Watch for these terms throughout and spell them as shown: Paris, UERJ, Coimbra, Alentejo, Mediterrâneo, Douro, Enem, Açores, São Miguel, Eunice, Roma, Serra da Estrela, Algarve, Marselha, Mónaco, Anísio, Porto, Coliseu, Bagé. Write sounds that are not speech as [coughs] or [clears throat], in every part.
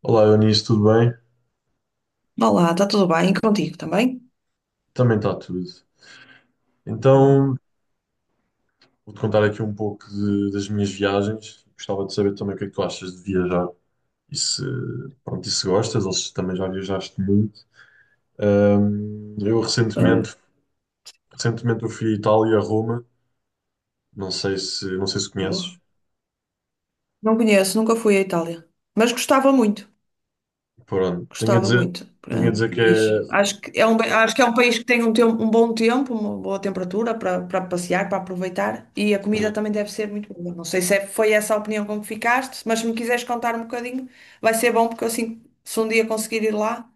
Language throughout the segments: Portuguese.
Olá, Eunice, tudo bem? Olá, está tudo bem? E contigo também? Também está tudo. Boa. Então, vou-te contar aqui um pouco das minhas viagens. Gostava de saber também o que é que tu achas de viajar e se, pronto, e se gostas ou se também já viajaste muito. Ahm, eu Ah, recentemente, recentemente eu fui à Itália, a Roma. Não sei se boa. conheces. Não conheço, nunca fui à Itália, mas gostava muito, Pronto, gostava muito. tenho a Ah, dizer que é, acho que é um, acho que é um país que tem um bom tempo, uma boa temperatura para passear, para aproveitar, e a comida sim, também deve ser muito boa. Não sei se foi essa a opinião com que ficaste, mas se me quiseres contar um bocadinho, vai ser bom porque assim, se um dia conseguir ir lá,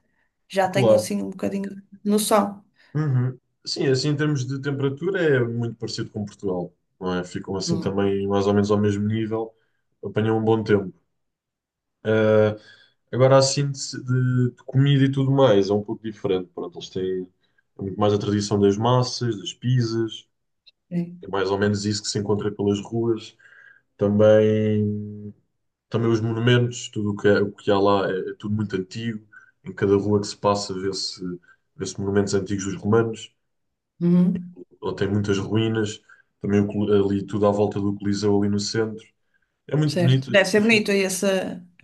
já tenho claro. assim um bocadinho de noção. Uhum. Sim, assim em termos de temperatura é muito parecido com Portugal, não é? Ficam assim Hum, também mais ou menos ao mesmo nível apanham um bom tempo. Eh, agora, a síntese de comida e tudo mais é um pouco diferente. Pronto, eles têm muito mais a tradição das massas, das pizzas, sim. é mais ou menos isso que se encontra pelas ruas. Também, também os monumentos, tudo o que, o que há lá é, é tudo muito antigo. Em cada rua que se passa vê-se monumentos antigos dos romanos, Uhum. ou tem muitas ruínas. Também o ali tudo à volta do Coliseu, ali no centro. É muito Certo. bonito. As Deve ser pessoas- bonito esse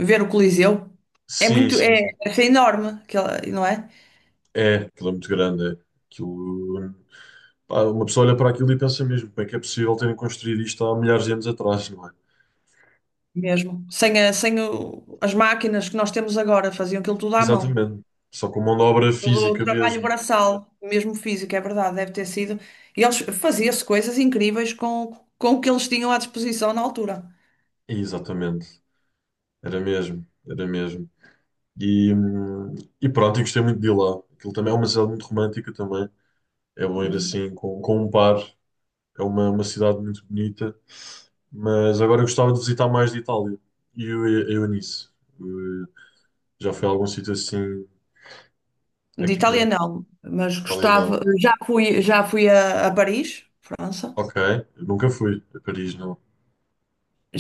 ver o Coliseu. É Sim, muito, sim, é, sim. é enorme, aquela, não é? É, aquilo é muito grande. É. Aquilo. Pá, uma pessoa olha para aquilo e pensa mesmo, como é que é possível terem construído isto há milhares de anos atrás, não é? Mesmo. Sem as máquinas que nós temos agora, faziam aquilo tudo à mão. Exatamente. Só com mão de obra Todo o física trabalho mesmo. braçal, mesmo físico, é verdade, deve ter sido. E eles faziam-se coisas incríveis com o que eles tinham à disposição na altura. Exatamente. Era mesmo, era mesmo. E, hum, e pronto, eu gostei muito de ir lá. Aquilo também é uma cidade muito romântica também. É bom ir Uhum. assim com um par. É uma cidade muito bonita. Mas agora eu gostava de visitar mais de Itália. E eu, nisso. Eu já fui a algum sítio assim, De aqui por Itália exemplo, não, mas na Itália não. gostava. Já fui a Paris, França. Ok, eu nunca fui a Paris, não.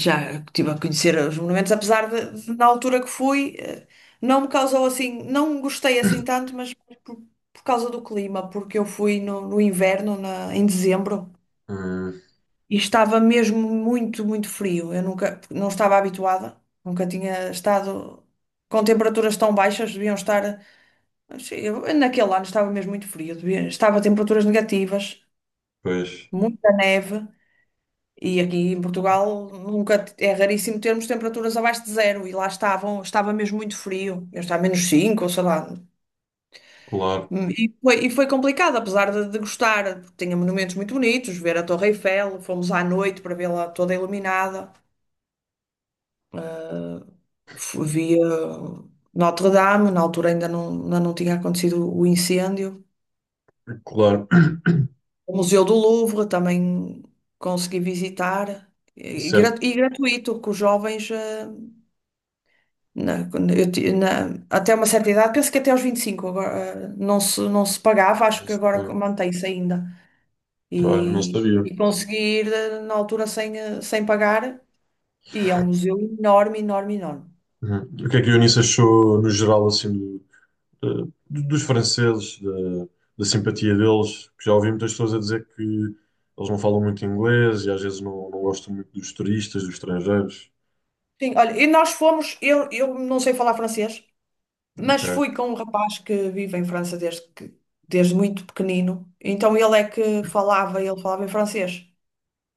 Já estive a conhecer os monumentos, apesar de, na altura que fui, não me causou assim, não gostei assim tanto, mas por, por causa do clima, porque eu fui no inverno, em dezembro, Hum, e estava mesmo muito, muito frio. Eu nunca, não estava habituada, nunca tinha estado com temperaturas tão baixas, deviam estar, naquele ano estava mesmo muito frio, estava a temperaturas negativas, pois, muita neve. E aqui em Portugal nunca é raríssimo termos temperaturas abaixo de zero, e lá estavam, estava mesmo muito frio, eu estava a menos 5 ou sei lá. claro, E foi complicado, apesar de gostar, porque tinha monumentos muito bonitos, ver a Torre Eiffel. Fomos à noite para vê-la toda iluminada, eh, via Notre Dame, na altura ainda não tinha acontecido o incêndio. claro. [coughs] O Museu do Louvre também consegui visitar, e, e gra- Certo, e gratuito, que os jovens. Quando eu até uma certa idade, penso que até aos 25 agora, não se, não se pagava, acho não que se- agora mantém-se ainda. olha, não sabia. E conseguir na altura sem, sem pagar, e é um museu enorme, enorme, enorme. Uhum. O que é que a Eunice achou, no geral, assim, do- dos franceses, da simpatia deles? Porque já ouvi muitas pessoas a dizer que eles não falam muito inglês e às vezes não, não gostam muito dos turistas, dos estrangeiros. Sim, olha, e nós fomos. Eu não sei falar francês, Ok, mas fui com um rapaz que vive em França desde muito pequenino, então ele é que falava, ele falava em francês.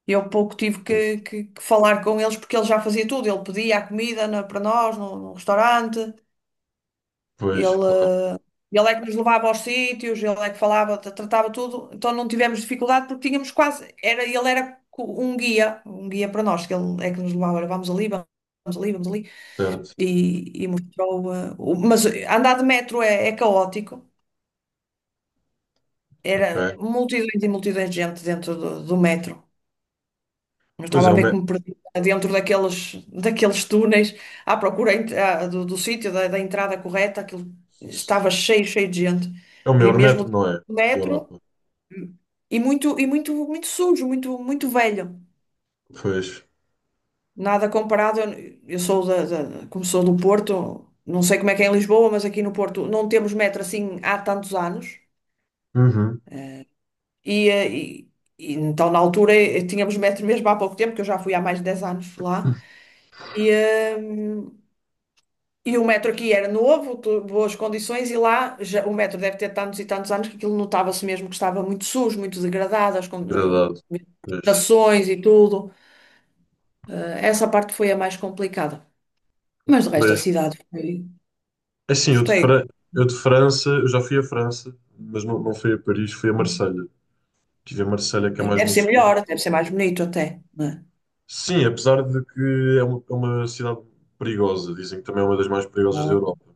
Eu pouco tive sim. Que falar com eles, porque ele já fazia tudo. Ele pedia a comida para nós no restaurante, Pois, ele, claro, eh, ele é que nos levava aos sítios, ele é que falava, tratava tudo. Então não tivemos dificuldade, porque tínhamos quase, era, ele era um guia para nós, que ele é que nos levava, olha, vamos ali, vamos ali, vamos ali. certo, E mostrou. Mas andar de metro é, é caótico. Era ok. multidões e multidões de gente dentro do metro. Não Pois estava é, a ver, que me perdi dentro daqueles, daqueles túneis à procura do sítio, da entrada correta. Aquilo estava cheio, cheio de gente. é o E maior mesmo metro, não é? o Da metro, Europa. E muito, muito sujo, muito, muito velho. Pois. Nada comparado. Eu sou como sou do Porto, não sei como é que é em Lisboa, mas aqui no Porto não temos metro assim há tantos anos. Uhum. E, eh, e- e então, na altura, tínhamos metro mesmo há pouco tempo, que eu já fui há mais de 10 anos lá. E, eh, E o metro aqui era novo, boas condições, e lá já- o metro deve ter tantos e tantos anos, que aquilo notava-se mesmo que estava muito sujo, muito degradado, as Degradado. Pois. estações e tudo. Eh, essa parte foi a mais complicada. Mas o resto da Pois. cidade foi. Assim, eu de, Gostei. Fra- eu de França, eu já fui à França, mas não, não fui a Paris, fui a Marselha. Estive em Marselha, que é mais Deve no ser melhor, sul. deve ser mais bonito até, né? Sim, apesar de que é é uma cidade perigosa, dizem que também é uma das mais perigosas da Ah, Europa.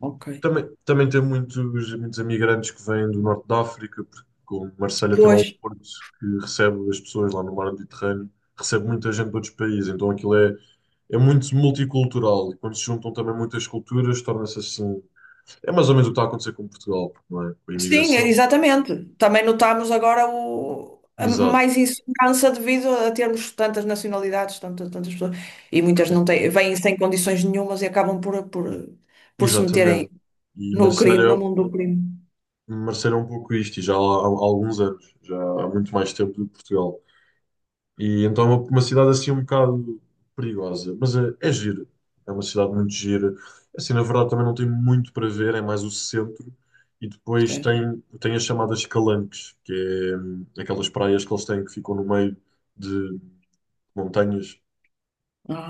ok. Também tem muitos, muitos imigrantes que vêm do norte da África, porque como Marselha tem lá Pois. o porto que recebe as pessoas lá no mar Mediterrâneo, recebe muita gente de outros países, então aquilo é, é muito multicultural e quando se juntam também muitas culturas, torna-se assim. É mais ou menos o que está a acontecer com Portugal, não é? Com a imigração. Exatamente. Também notamos agora Exato, mais insegurança devido a termos tantas nacionalidades, tantas, tantas pessoas, e muitas não exato. têm, vêm sem condições nenhumas, e acabam por se Exatamente. meterem E no crime, no Marselha, mundo do crime. Marselha é um pouco isto, e já há, há alguns anos, já há muito mais tempo do que Portugal. E então é uma cidade assim um bocado perigosa, mas é, é gira. É uma cidade muito gira. Assim, na verdade, também não tem muito para ver, é mais o centro. E depois Certo. tem, tem as chamadas calanques, que é aquelas praias que eles têm que ficam no meio de montanhas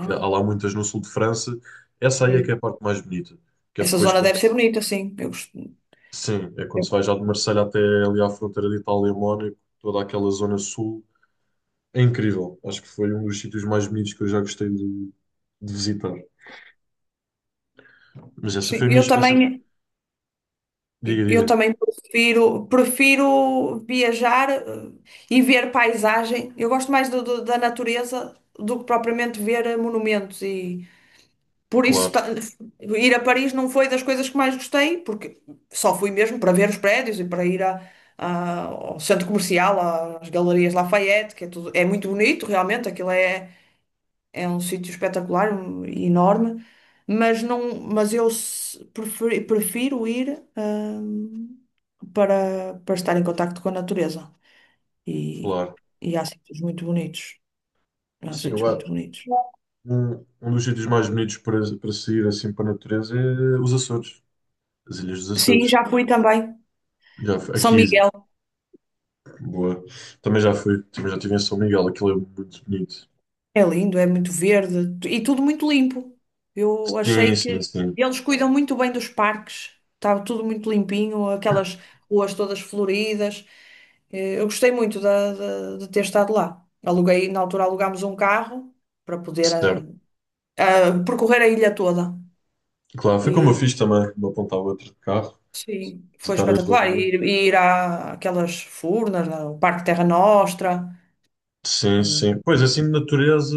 que há lá muitas no sul de França. Essa aí é que ok. é a parte mais bonita, que é Essa depois, zona quando- deve ser bonita, sim. Eu, gosto- sim, é quando eu- se vai já de Marselha até ali à fronteira de Itália e Mónaco, toda aquela zona sul. É incrível. Acho que foi um dos sítios mais bonitos que eu já gostei de visitar. Mas essa foi a sim, minha. eu Essa... também, Diga, Eu diga. também prefiro, prefiro viajar, e ver paisagem. Eu gosto mais da natureza do que propriamente ver, monumentos. E Por isso, Claro, ta- ir a Paris não foi das coisas que mais gostei, porque só fui mesmo para ver os prédios e para ir ao centro comercial, às galerias Lafayette, que é tudo, é muito bonito, realmente, aquilo é, é um sítio espetacular e enorme, mas não, mas eu prefiro ir, para estar em contacto com a natureza. E, claro. e há sítios muito bonitos. Há Sim, eu sítios muito acho. bonitos. Um dos sítios mais bonitos para, para sair assim para a natureza é os Açores, as Ilhas dos Sim, Açores. já fui também. Já fui, São aqui, Miguel. boa. Também já fui, também já estive em São Miguel, aquilo é muito bonito. É lindo, é muito verde e tudo muito limpo. Eu Sim, achei sim, que sim. eles cuidam muito bem dos parques, estava tudo muito limpinho, aquelas ruas todas floridas. Eu gostei muito ter estado lá. Aluguei, na altura alugámos um carro para poder, Certo. Percorrer a ilha toda. Claro, foi como eu E fiz também, de uma ponta à outra de carro, sim, foi visitar as espetacular. Lagoas. E ir àquelas furnas, ao Parque Terra Nostra. Sim, eh, sim. Pois, assim, de natureza,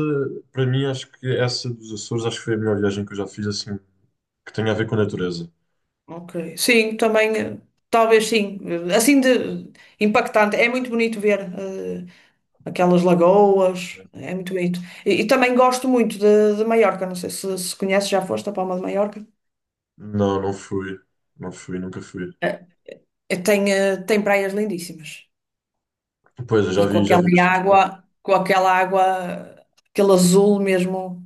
para mim, acho que essa dos Açores, acho que foi a melhor viagem que eu já fiz, assim, que tenha a ver com natureza. Ok. Sim, também, talvez sim. Assim de impactante. É muito bonito ver, aquelas lagoas. É muito bonito. E também gosto muito de Maiorca. Não sei se, se conheces, já foste à Palma de Maiorca. Não, não fui. Não fui, nunca fui. Eh, Tem praias lindíssimas. Pois, eu E já vi bastantes fotos. Com aquela água, aquele azul mesmo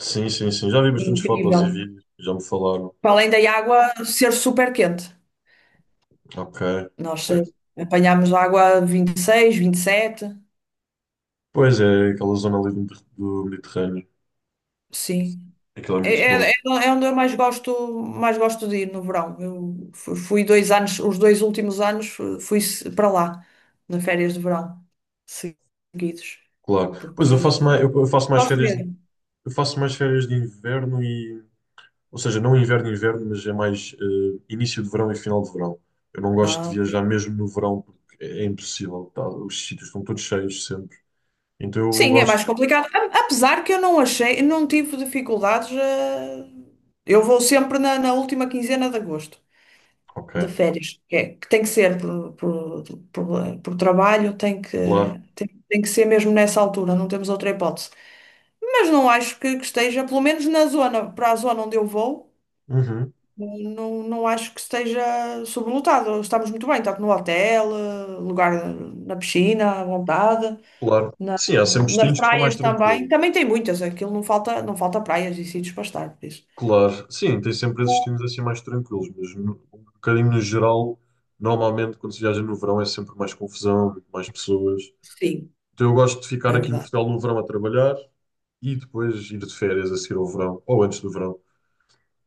Sim, sim, sim. Já vi bastantes fotos e incrível. vídeos, já me falaram. Para além da água ser super quente. Ok, Nós ok. apanhámos água a 26, 27. Pois é, aquela zona ali do, do Mediterrâneo. Sim. Aquilo é É, muito bom, é, é é onde eu mais gosto de ir no verão. Eu fui 2 anos, os 2 últimos anos fui para lá, nas férias de verão, seguidos. claro. Pois Porque eu faço mais gosto férias mesmo. Eu faço mais férias de inverno e, ou seja, não inverno, inverno, mas é mais início de verão e final de verão. Eu não gosto de Ah, ok. viajar mesmo no verão porque é, é impossível, tá? Os sítios estão todos cheios sempre. Então eu Sim, é gosto. mais complicado. Apesar que eu não achei, não tive dificuldades. Eu vou sempre na última quinzena de agosto, de Ok, férias. Que, que tem que ser por trabalho, claro. Tem que ser mesmo nessa altura, não temos outra hipótese. Mas não acho que esteja, pelo menos na zona, para a zona onde eu vou, Uhum, não, não acho que esteja sobrelotado. Estamos muito bem, tanto no hotel, lugar na piscina, à vontade, claro. Sim, há sempre nas destinos que são mais praias também. tranquilos. Também tem muitas, aquilo não falta, não falta praias e sítios para estar, por isso. Claro, sim, tem sempre esses destinos assim mais tranquilos, mas um bocadinho no geral, normalmente quando se viaja no verão é sempre mais confusão, muito mais pessoas. Sim, Então eu gosto de ficar é aqui em verdade. Portugal no verão a trabalhar e depois ir de férias a seguir ao verão, ou antes do verão.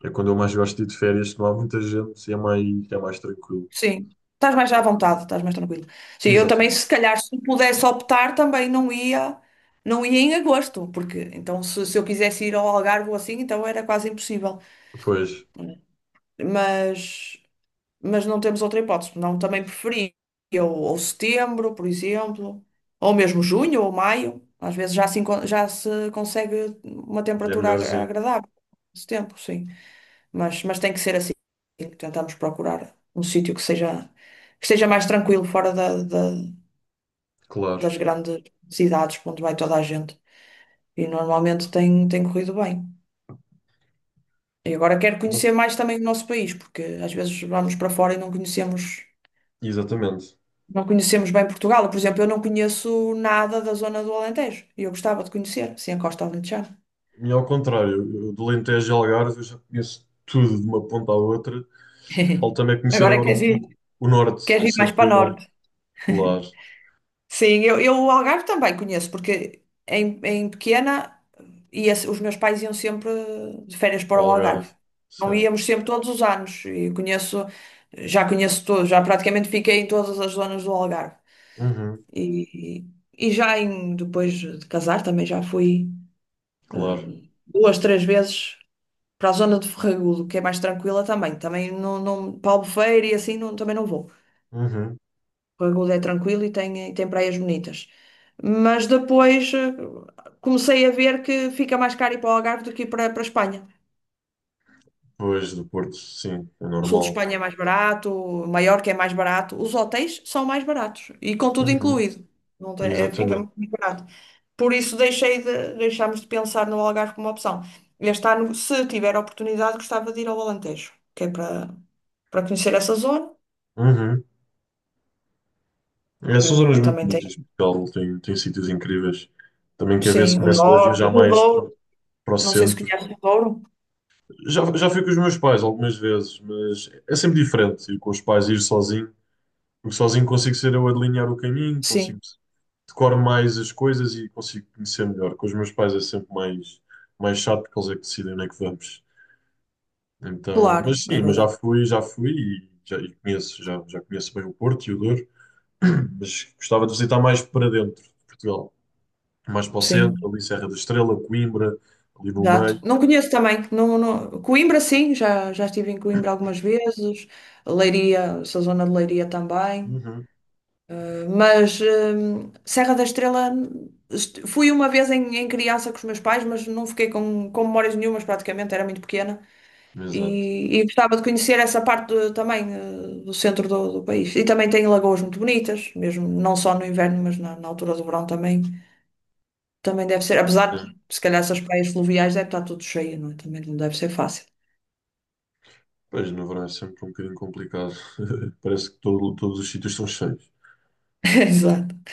É quando eu mais gosto de ir de férias, que não há muita gente e é mais tranquilo. Sim. Estás mais à vontade, estás mais tranquilo. Sim, eu também, Exatamente. se calhar, se pudesse optar, também não ia, não ia em agosto, porque então se eu quisesse ir ao Algarve ou assim, então era quase impossível. Depois, mas, mas não temos outra hipótese. Não, também preferia ou setembro, por exemplo, ou mesmo junho ou maio. Às vezes já se, já se consegue uma já é temperatura melhorzinho, agradável nesse tempo, sim. Mas tem que ser assim. Tentamos procurar um sítio que seja mais tranquilo, fora claro. das grandes cidades, para onde vai toda a gente. E normalmente tem, tem corrido bem. E agora quero Bom, conhecer mais também o nosso país, porque às vezes vamos para fora e não conhecemos. exatamente. Não conhecemos bem Portugal. Por exemplo, eu não conheço nada da zona do Alentejo. E eu gostava de conhecer, assim, a Costa Alentejana. E ao contrário, eu do Alentejo e Algarve eu já conheço tudo de uma ponta à outra. [laughs] Falta-me é conhecer Agora agora um pouco o norte, queres o ir mais centro e para o norte. norte. Claro, [laughs] Sim, eu o Algarve também conheço, porque em, em pequena ia, os meus pais iam sempre de férias para o o Algarve. Algarve, Não certo. íamos sempre todos os anos. E conheço, já conheço tudo, já praticamente fiquei em todas as zonas do Algarve. Uhum, E, e já em, depois de casar também já fui, claro. Duas, três vezes para a zona de Ferragudo, que é mais tranquila também. Também não, não, para Albufeira e assim não, também não vou. Uhum. Ferragudo é tranquilo e tem praias bonitas. Mas depois, comecei a ver que fica mais caro ir para o Algarve do que ir para a Espanha. Pois, do Porto, sim, é O sul de normal. Espanha é mais barato, Maiorca é mais barato, os hotéis são mais baratos e com tudo Uhum, incluído. Não tem- é, fica exatamente. muito mais barato. Por isso deixei de, deixámos de pensar no Algarve como opção. Este ano, se tiver oportunidade, gostava de ir ao Alentejo, que é para conhecer essa zona, Uhum. É, são zonas que muito também tem, bonitas. Portugal tem, tem sítios incríveis. Também quer ver se sim, o começo a norte, viajar o mais Douro. para, para o Não sei se centro. conhece o Douro, Já, já fui com os meus pais algumas vezes, mas é sempre diferente ir com os pais, ir sozinho, porque sozinho consigo ser eu a delinear o caminho, consigo sim, decoro mais as coisas e consigo conhecer melhor. Com os meus pais é sempre mais, mais chato, porque eles é que decidem onde é que vamos. Então, claro, mas é sim, mas verdade, já fui e já e conheço, já, já conheço bem o Porto e o Douro, [clears throat] mas gostava de visitar mais para dentro de Portugal, mais para o centro, sim, ali Serra da Estrela, Coimbra, ali no exato. meio. Não conheço também, não, não- Coimbra sim, já, já estive em Coimbra algumas vezes, Leiria, essa zona de Leiria também, Uhum. mas Serra da Estrela, fui uma vez em, em criança com os meus pais, mas não fiquei com memórias nenhumas praticamente, era muito pequena. Exato. E gostava de conhecer essa parte também, do centro do país. E também tem lagoas muito bonitas, mesmo não só no inverno, mas na altura do verão também. Também deve ser, É, apesar de se calhar essas praias fluviais deve estar tudo cheio, não é? Também não deve ser fácil. pois, no verão é sempre um bocadinho complicado. [laughs] Parece que todos os sítios estão cheios. [laughs] Exato.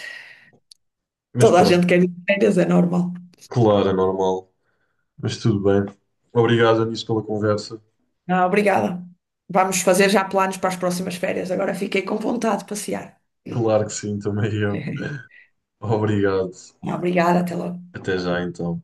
Mas Toda a gente pronto, quer ir de férias, é normal. claro, é normal. Mas tudo bem. Obrigado, Anísio, pela conversa. Ah, obrigada. Vamos fazer já planos para as próximas férias. Agora fiquei com vontade de passear. Claro que sim, também eu. [laughs] Obrigado. Ah, obrigada, até logo. Até já, então.